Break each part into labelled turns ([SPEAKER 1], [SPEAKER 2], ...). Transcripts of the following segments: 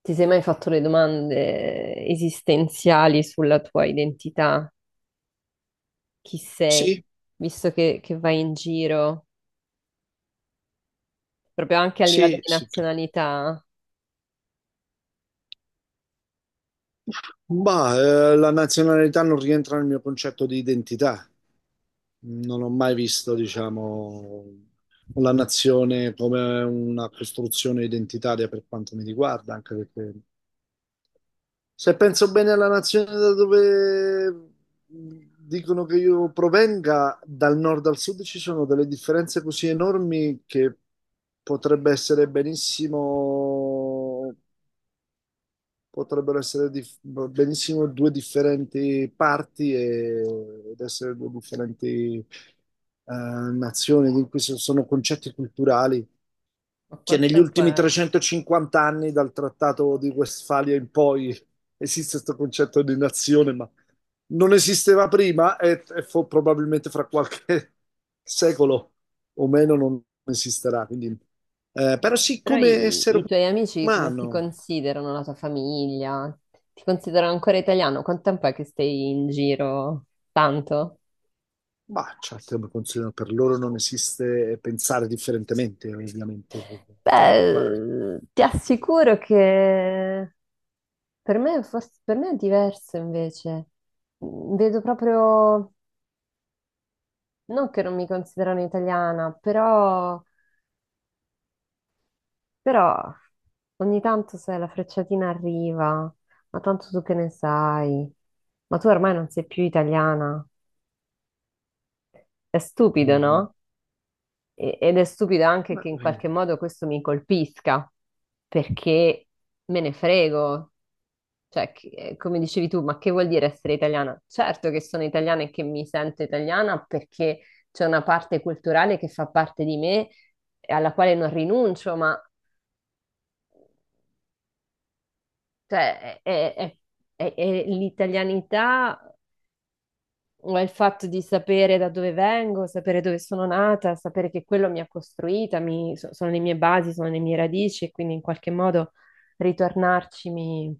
[SPEAKER 1] Ti sei mai fatto le domande esistenziali sulla tua identità? Chi sei?
[SPEAKER 2] Sì,
[SPEAKER 1] Visto che vai in giro, proprio anche a livello
[SPEAKER 2] sì,
[SPEAKER 1] di
[SPEAKER 2] sì. chiaro.
[SPEAKER 1] nazionalità,
[SPEAKER 2] Ma la nazionalità non rientra nel mio concetto di identità. Non ho mai visto, diciamo, la nazione come una costruzione identitaria per quanto mi riguarda, anche perché se penso bene alla nazione da dove dicono che io provenga, dal nord al sud ci sono delle differenze così enormi che potrebbe essere benissimo potrebbero essere benissimo due differenti parti ed essere due differenti nazioni, in cui sono concetti culturali
[SPEAKER 1] ma
[SPEAKER 2] che
[SPEAKER 1] quanto
[SPEAKER 2] negli
[SPEAKER 1] tempo
[SPEAKER 2] ultimi
[SPEAKER 1] è?
[SPEAKER 2] 350 anni dal Trattato di Westfalia in poi esiste questo concetto di nazione, ma non esisteva prima e probabilmente fra qualche secolo o meno non esisterà. Quindi, però sì,
[SPEAKER 1] Però
[SPEAKER 2] come
[SPEAKER 1] i,
[SPEAKER 2] essere
[SPEAKER 1] i tuoi amici come ti
[SPEAKER 2] umano.
[SPEAKER 1] considerano, la tua famiglia? Ti considerano ancora italiano? Quanto tempo è che stai in giro? Tanto?
[SPEAKER 2] Ma certo, per loro non esiste pensare differentemente, ovviamente. Cioè, guarda,
[SPEAKER 1] Beh, ti assicuro che per me è diverso invece. Vedo proprio. Non che non mi considerano italiana, però, però ogni tanto se la frecciatina arriva, ma tanto tu che ne sai, ma tu ormai non sei più italiana. È stupido,
[SPEAKER 2] mm,
[SPEAKER 1] no? Ed è stupido anche
[SPEAKER 2] ma-
[SPEAKER 1] che in
[SPEAKER 2] eh,
[SPEAKER 1] qualche modo questo mi colpisca, perché me ne frego. Cioè, come dicevi tu, ma che vuol dire essere italiana? Certo che sono italiana e che mi sento italiana perché c'è una parte culturale che fa parte di me e alla quale non rinuncio, ma cioè, è l'italianità o è il fatto di sapere da dove vengo, sapere dove sono nata, sapere che quello mi ha costruita, sono le mie basi, sono le mie radici e quindi in qualche modo ritornarci mi...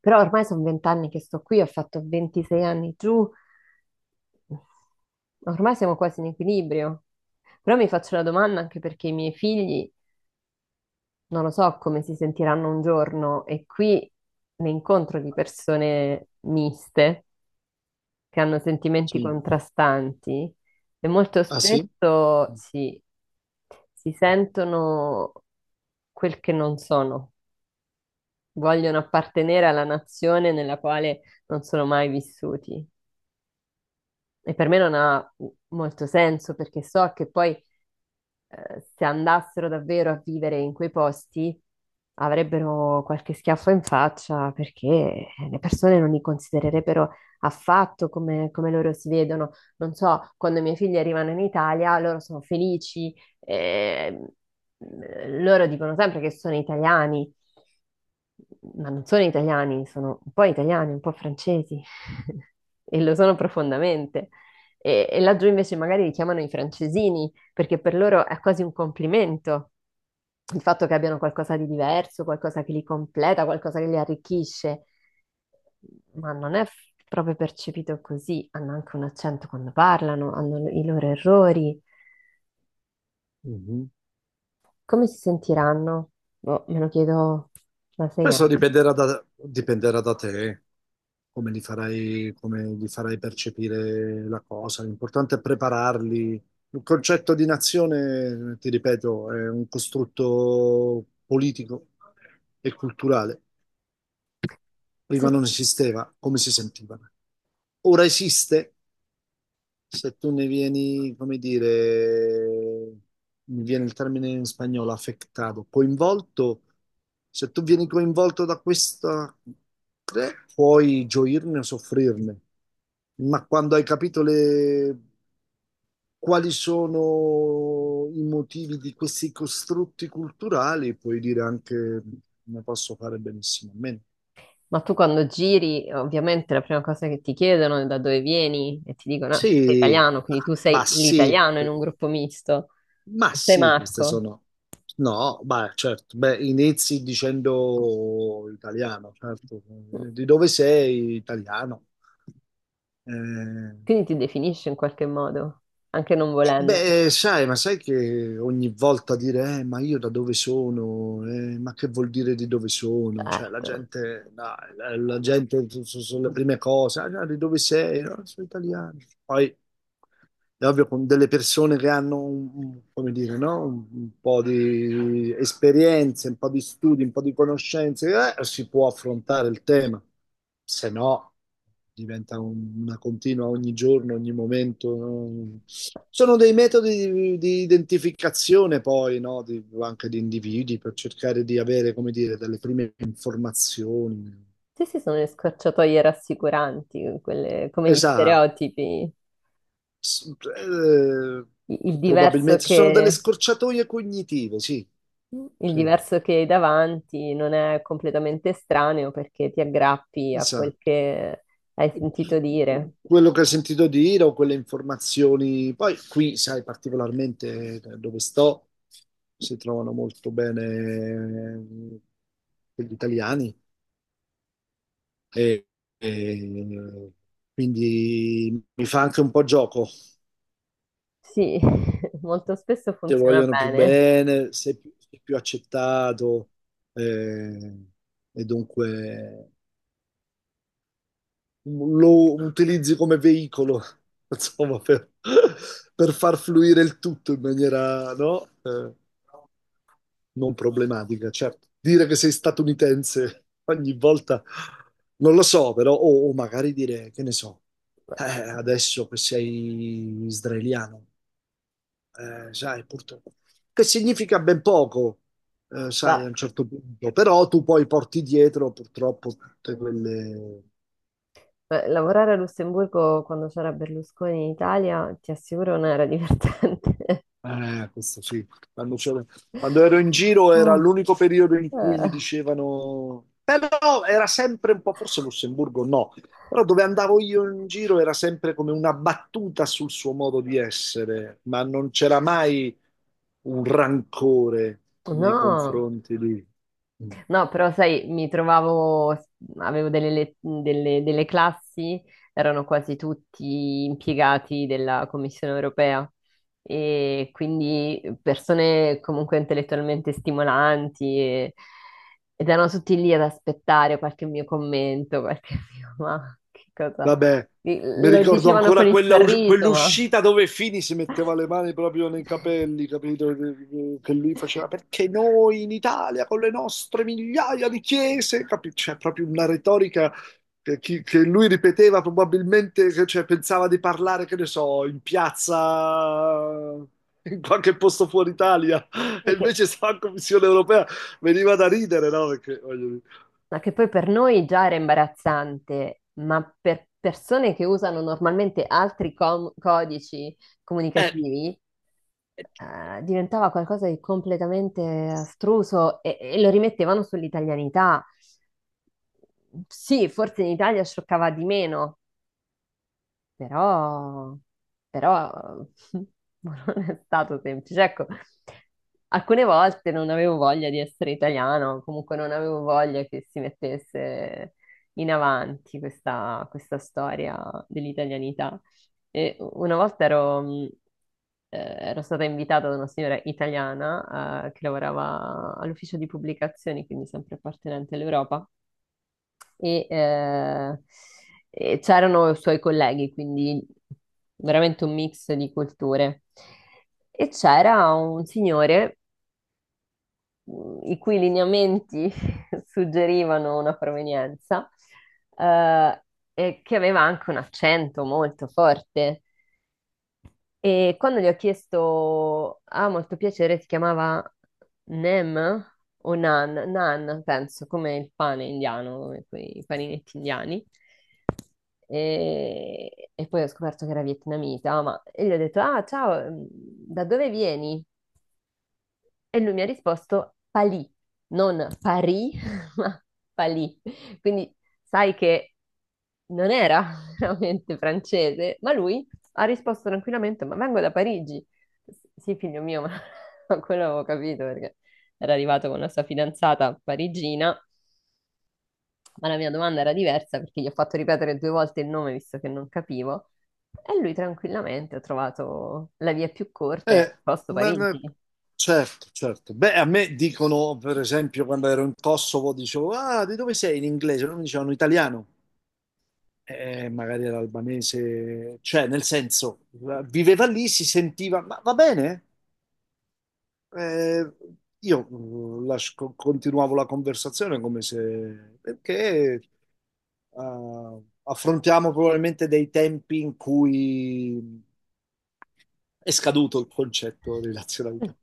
[SPEAKER 1] Però ormai sono 20 anni che sto qui, ho fatto 26 anni giù, ormai siamo quasi in equilibrio. Però mi faccio la domanda anche perché i miei figli non lo so come si sentiranno un giorno e qui ne incontro di persone miste che hanno sentimenti
[SPEAKER 2] sì.
[SPEAKER 1] contrastanti e molto
[SPEAKER 2] Ah sì?
[SPEAKER 1] spesso si sentono quel che non sono, vogliono appartenere alla nazione nella quale non sono mai vissuti. E per me non ha molto senso perché so che poi se andassero davvero a vivere in quei posti, avrebbero qualche schiaffo in faccia perché le persone non li considererebbero affatto come, come loro si vedono. Non so, quando i miei figli arrivano in Italia, loro sono felici, eh, loro dicono sempre che sono italiani, ma non sono italiani, sono un po' italiani, un po' francesi e lo sono profondamente. E laggiù invece magari li chiamano i francesini perché per loro è quasi un complimento il fatto che abbiano qualcosa di diverso, qualcosa che li completa, qualcosa che li arricchisce, ma non è proprio percepito così, hanno anche un accento quando parlano, hanno i loro errori.
[SPEAKER 2] Mhm.
[SPEAKER 1] Come si sentiranno? Boh, me lo chiedo da sei
[SPEAKER 2] Questo
[SPEAKER 1] anni.
[SPEAKER 2] dipenderà da te, come li farai percepire la cosa. L'importante è prepararli. Il concetto di nazione, ti ripeto, è un costrutto politico e culturale. Prima
[SPEAKER 1] Sì,
[SPEAKER 2] non esisteva, come si sentiva? Ora esiste se tu ne vieni, come dire, mi viene il termine in spagnolo, affettato, coinvolto, se tu vieni coinvolto da questa, puoi gioirne o soffrirne, ma quando hai capito quali sono i motivi di questi costrutti culturali, puoi dire anche ne posso fare benissimo a meno.
[SPEAKER 1] ma tu quando giri, ovviamente la prima cosa che ti chiedono è da dove vieni e ti dicono, "Ah, sei
[SPEAKER 2] Sì,
[SPEAKER 1] italiano, quindi tu
[SPEAKER 2] bah
[SPEAKER 1] sei
[SPEAKER 2] sì,
[SPEAKER 1] l'italiano in un gruppo misto.
[SPEAKER 2] ma
[SPEAKER 1] Sei
[SPEAKER 2] sì, queste
[SPEAKER 1] Marco."
[SPEAKER 2] sono... No, ma certo, beh, inizi dicendo italiano, certo.
[SPEAKER 1] Mm.
[SPEAKER 2] Di dove sei? Italiano. Eh,
[SPEAKER 1] Quindi ti definisci in qualche modo, anche non volendolo.
[SPEAKER 2] Beh, sai, ma sai che ogni volta dire, ma io da dove sono? Ma che vuol dire di dove sono?" Cioè, la
[SPEAKER 1] Certo.
[SPEAKER 2] gente, no, la gente sulle prime cose, "Ah, no, di dove sei?" "No, sono italiano." Poi, è ovvio, con delle persone che hanno, come dire, no? Un po' di esperienze, un po' di studi, un po' di conoscenze, si può affrontare il tema. Se no diventa una continua ogni giorno, ogni momento, no? Sono dei metodi di identificazione poi, no? Anche di individui per cercare di avere, come dire, delle prime informazioni.
[SPEAKER 1] Sì, sì, sono le scorciatoie rassicuranti, quelle, come gli
[SPEAKER 2] Esatto.
[SPEAKER 1] stereotipi.
[SPEAKER 2] S- eh,
[SPEAKER 1] I- Il diverso
[SPEAKER 2] Probabilmente sono delle
[SPEAKER 1] che,
[SPEAKER 2] scorciatoie cognitive, sì,
[SPEAKER 1] il
[SPEAKER 2] sì,
[SPEAKER 1] diverso che hai davanti non è completamente estraneo perché ti aggrappi a quel
[SPEAKER 2] esatto.
[SPEAKER 1] che hai sentito dire.
[SPEAKER 2] Quello che ho sentito dire o quelle informazioni. Poi qui, sai, particolarmente dove sto, si trovano molto bene gli italiani e, e quindi mi fa anche un po' gioco.
[SPEAKER 1] Sì, molto spesso
[SPEAKER 2] Ti
[SPEAKER 1] funziona
[SPEAKER 2] vogliono più
[SPEAKER 1] bene.
[SPEAKER 2] bene, sei più accettato eh, e dunque lo utilizzi come veicolo, insomma, per far fluire il tutto in maniera, no? Non problematica, certo. Dire che sei statunitense ogni volta, non lo so, però, o magari dire, che ne so, eh, adesso che sei israeliano, sai, purtroppo, che significa ben poco, sai, a
[SPEAKER 1] Ma
[SPEAKER 2] un certo punto, però tu poi porti dietro purtroppo tutte quelle.
[SPEAKER 1] lavorare a Lussemburgo quando c'era Berlusconi in Italia, ti assicuro, non era divertente.
[SPEAKER 2] Questo sì. Quando ero in giro era
[SPEAKER 1] Ah,
[SPEAKER 2] l'unico periodo in cui mi
[SPEAKER 1] eh,
[SPEAKER 2] dicevano, però era sempre un po', forse Lussemburgo no, però dove andavo io in giro era sempre come una battuta sul suo modo di essere, ma non c'era mai un rancore nei
[SPEAKER 1] no,
[SPEAKER 2] confronti di... Mm,
[SPEAKER 1] no, però sai, mi trovavo, avevo delle classi, erano quasi tutti impiegati della Commissione europea e quindi persone comunque intellettualmente stimolanti ed erano tutti lì ad aspettare qualche mio commento, qualche mio, ma che cosa?
[SPEAKER 2] vabbè, mi
[SPEAKER 1] Lo come
[SPEAKER 2] ricordo
[SPEAKER 1] dicevano con
[SPEAKER 2] ancora
[SPEAKER 1] il fanno? Sorriso, ma...
[SPEAKER 2] quell'uscita dove Fini si metteva le mani proprio nei capelli, capito? Che lui faceva perché noi in Italia con le nostre migliaia di chiese, capito? C'è proprio una retorica che, che lui ripeteva probabilmente, che, cioè, pensava di parlare, che ne so, in piazza, in qualche posto fuori Italia, e
[SPEAKER 1] Sì, che
[SPEAKER 2] invece stava in Commissione europea, veniva da ridere, no? Perché, voglio dire.
[SPEAKER 1] ma che poi per noi già era imbarazzante, ma per persone che usano normalmente altri codici
[SPEAKER 2] Eh.
[SPEAKER 1] comunicativi, diventava qualcosa di completamente astruso e lo rimettevano sull'italianità. Sì, forse in Italia scioccava di meno, però, però non è stato semplice. Ecco, alcune volte non avevo voglia di essere italiano, comunque non avevo voglia che si mettesse in avanti questa storia dell'italianità. E una volta ero, ero stata invitata da una signora italiana, che lavorava all'ufficio di pubblicazioni, quindi sempre appartenente all'Europa e, eh, e c'erano i suoi colleghi, quindi veramente un mix di culture. E c'era un signore i cui lineamenti suggerivano una provenienza eh, e che aveva anche un accento molto forte. E quando gli ho chiesto, ah, molto piacere, si chiamava Nem o Nan, penso, come il pane indiano, come quei paninetti indiani. E poi ho scoperto che era vietnamita, ma e gli ho detto, ah, ciao, da dove vieni? E lui mi ha risposto Palì, non Parì, ma Palì. Quindi sai che non era veramente francese, ma lui ha risposto tranquillamente, ma vengo da Parigi. Sì, figlio mio, ma ma quello avevo capito perché era arrivato con la sua fidanzata parigina, ma la mia domanda era diversa perché gli ho fatto ripetere 2 volte il nome visto che non capivo. E lui tranquillamente ha trovato la via più corta e ha
[SPEAKER 2] Eh,
[SPEAKER 1] risposto
[SPEAKER 2] ma- ma-
[SPEAKER 1] Parigi.
[SPEAKER 2] certo, certo. Beh, a me dicono, per esempio, quando ero in Kosovo, dicevo, ah, di dove sei in inglese? Non mi dicevano italiano. Magari era albanese, cioè, nel senso, viveva lì, si sentiva, ma va bene? Eh, io continuavo la conversazione come se, perché affrontiamo probabilmente dei tempi in cui è scaduto il concetto di nazionalità.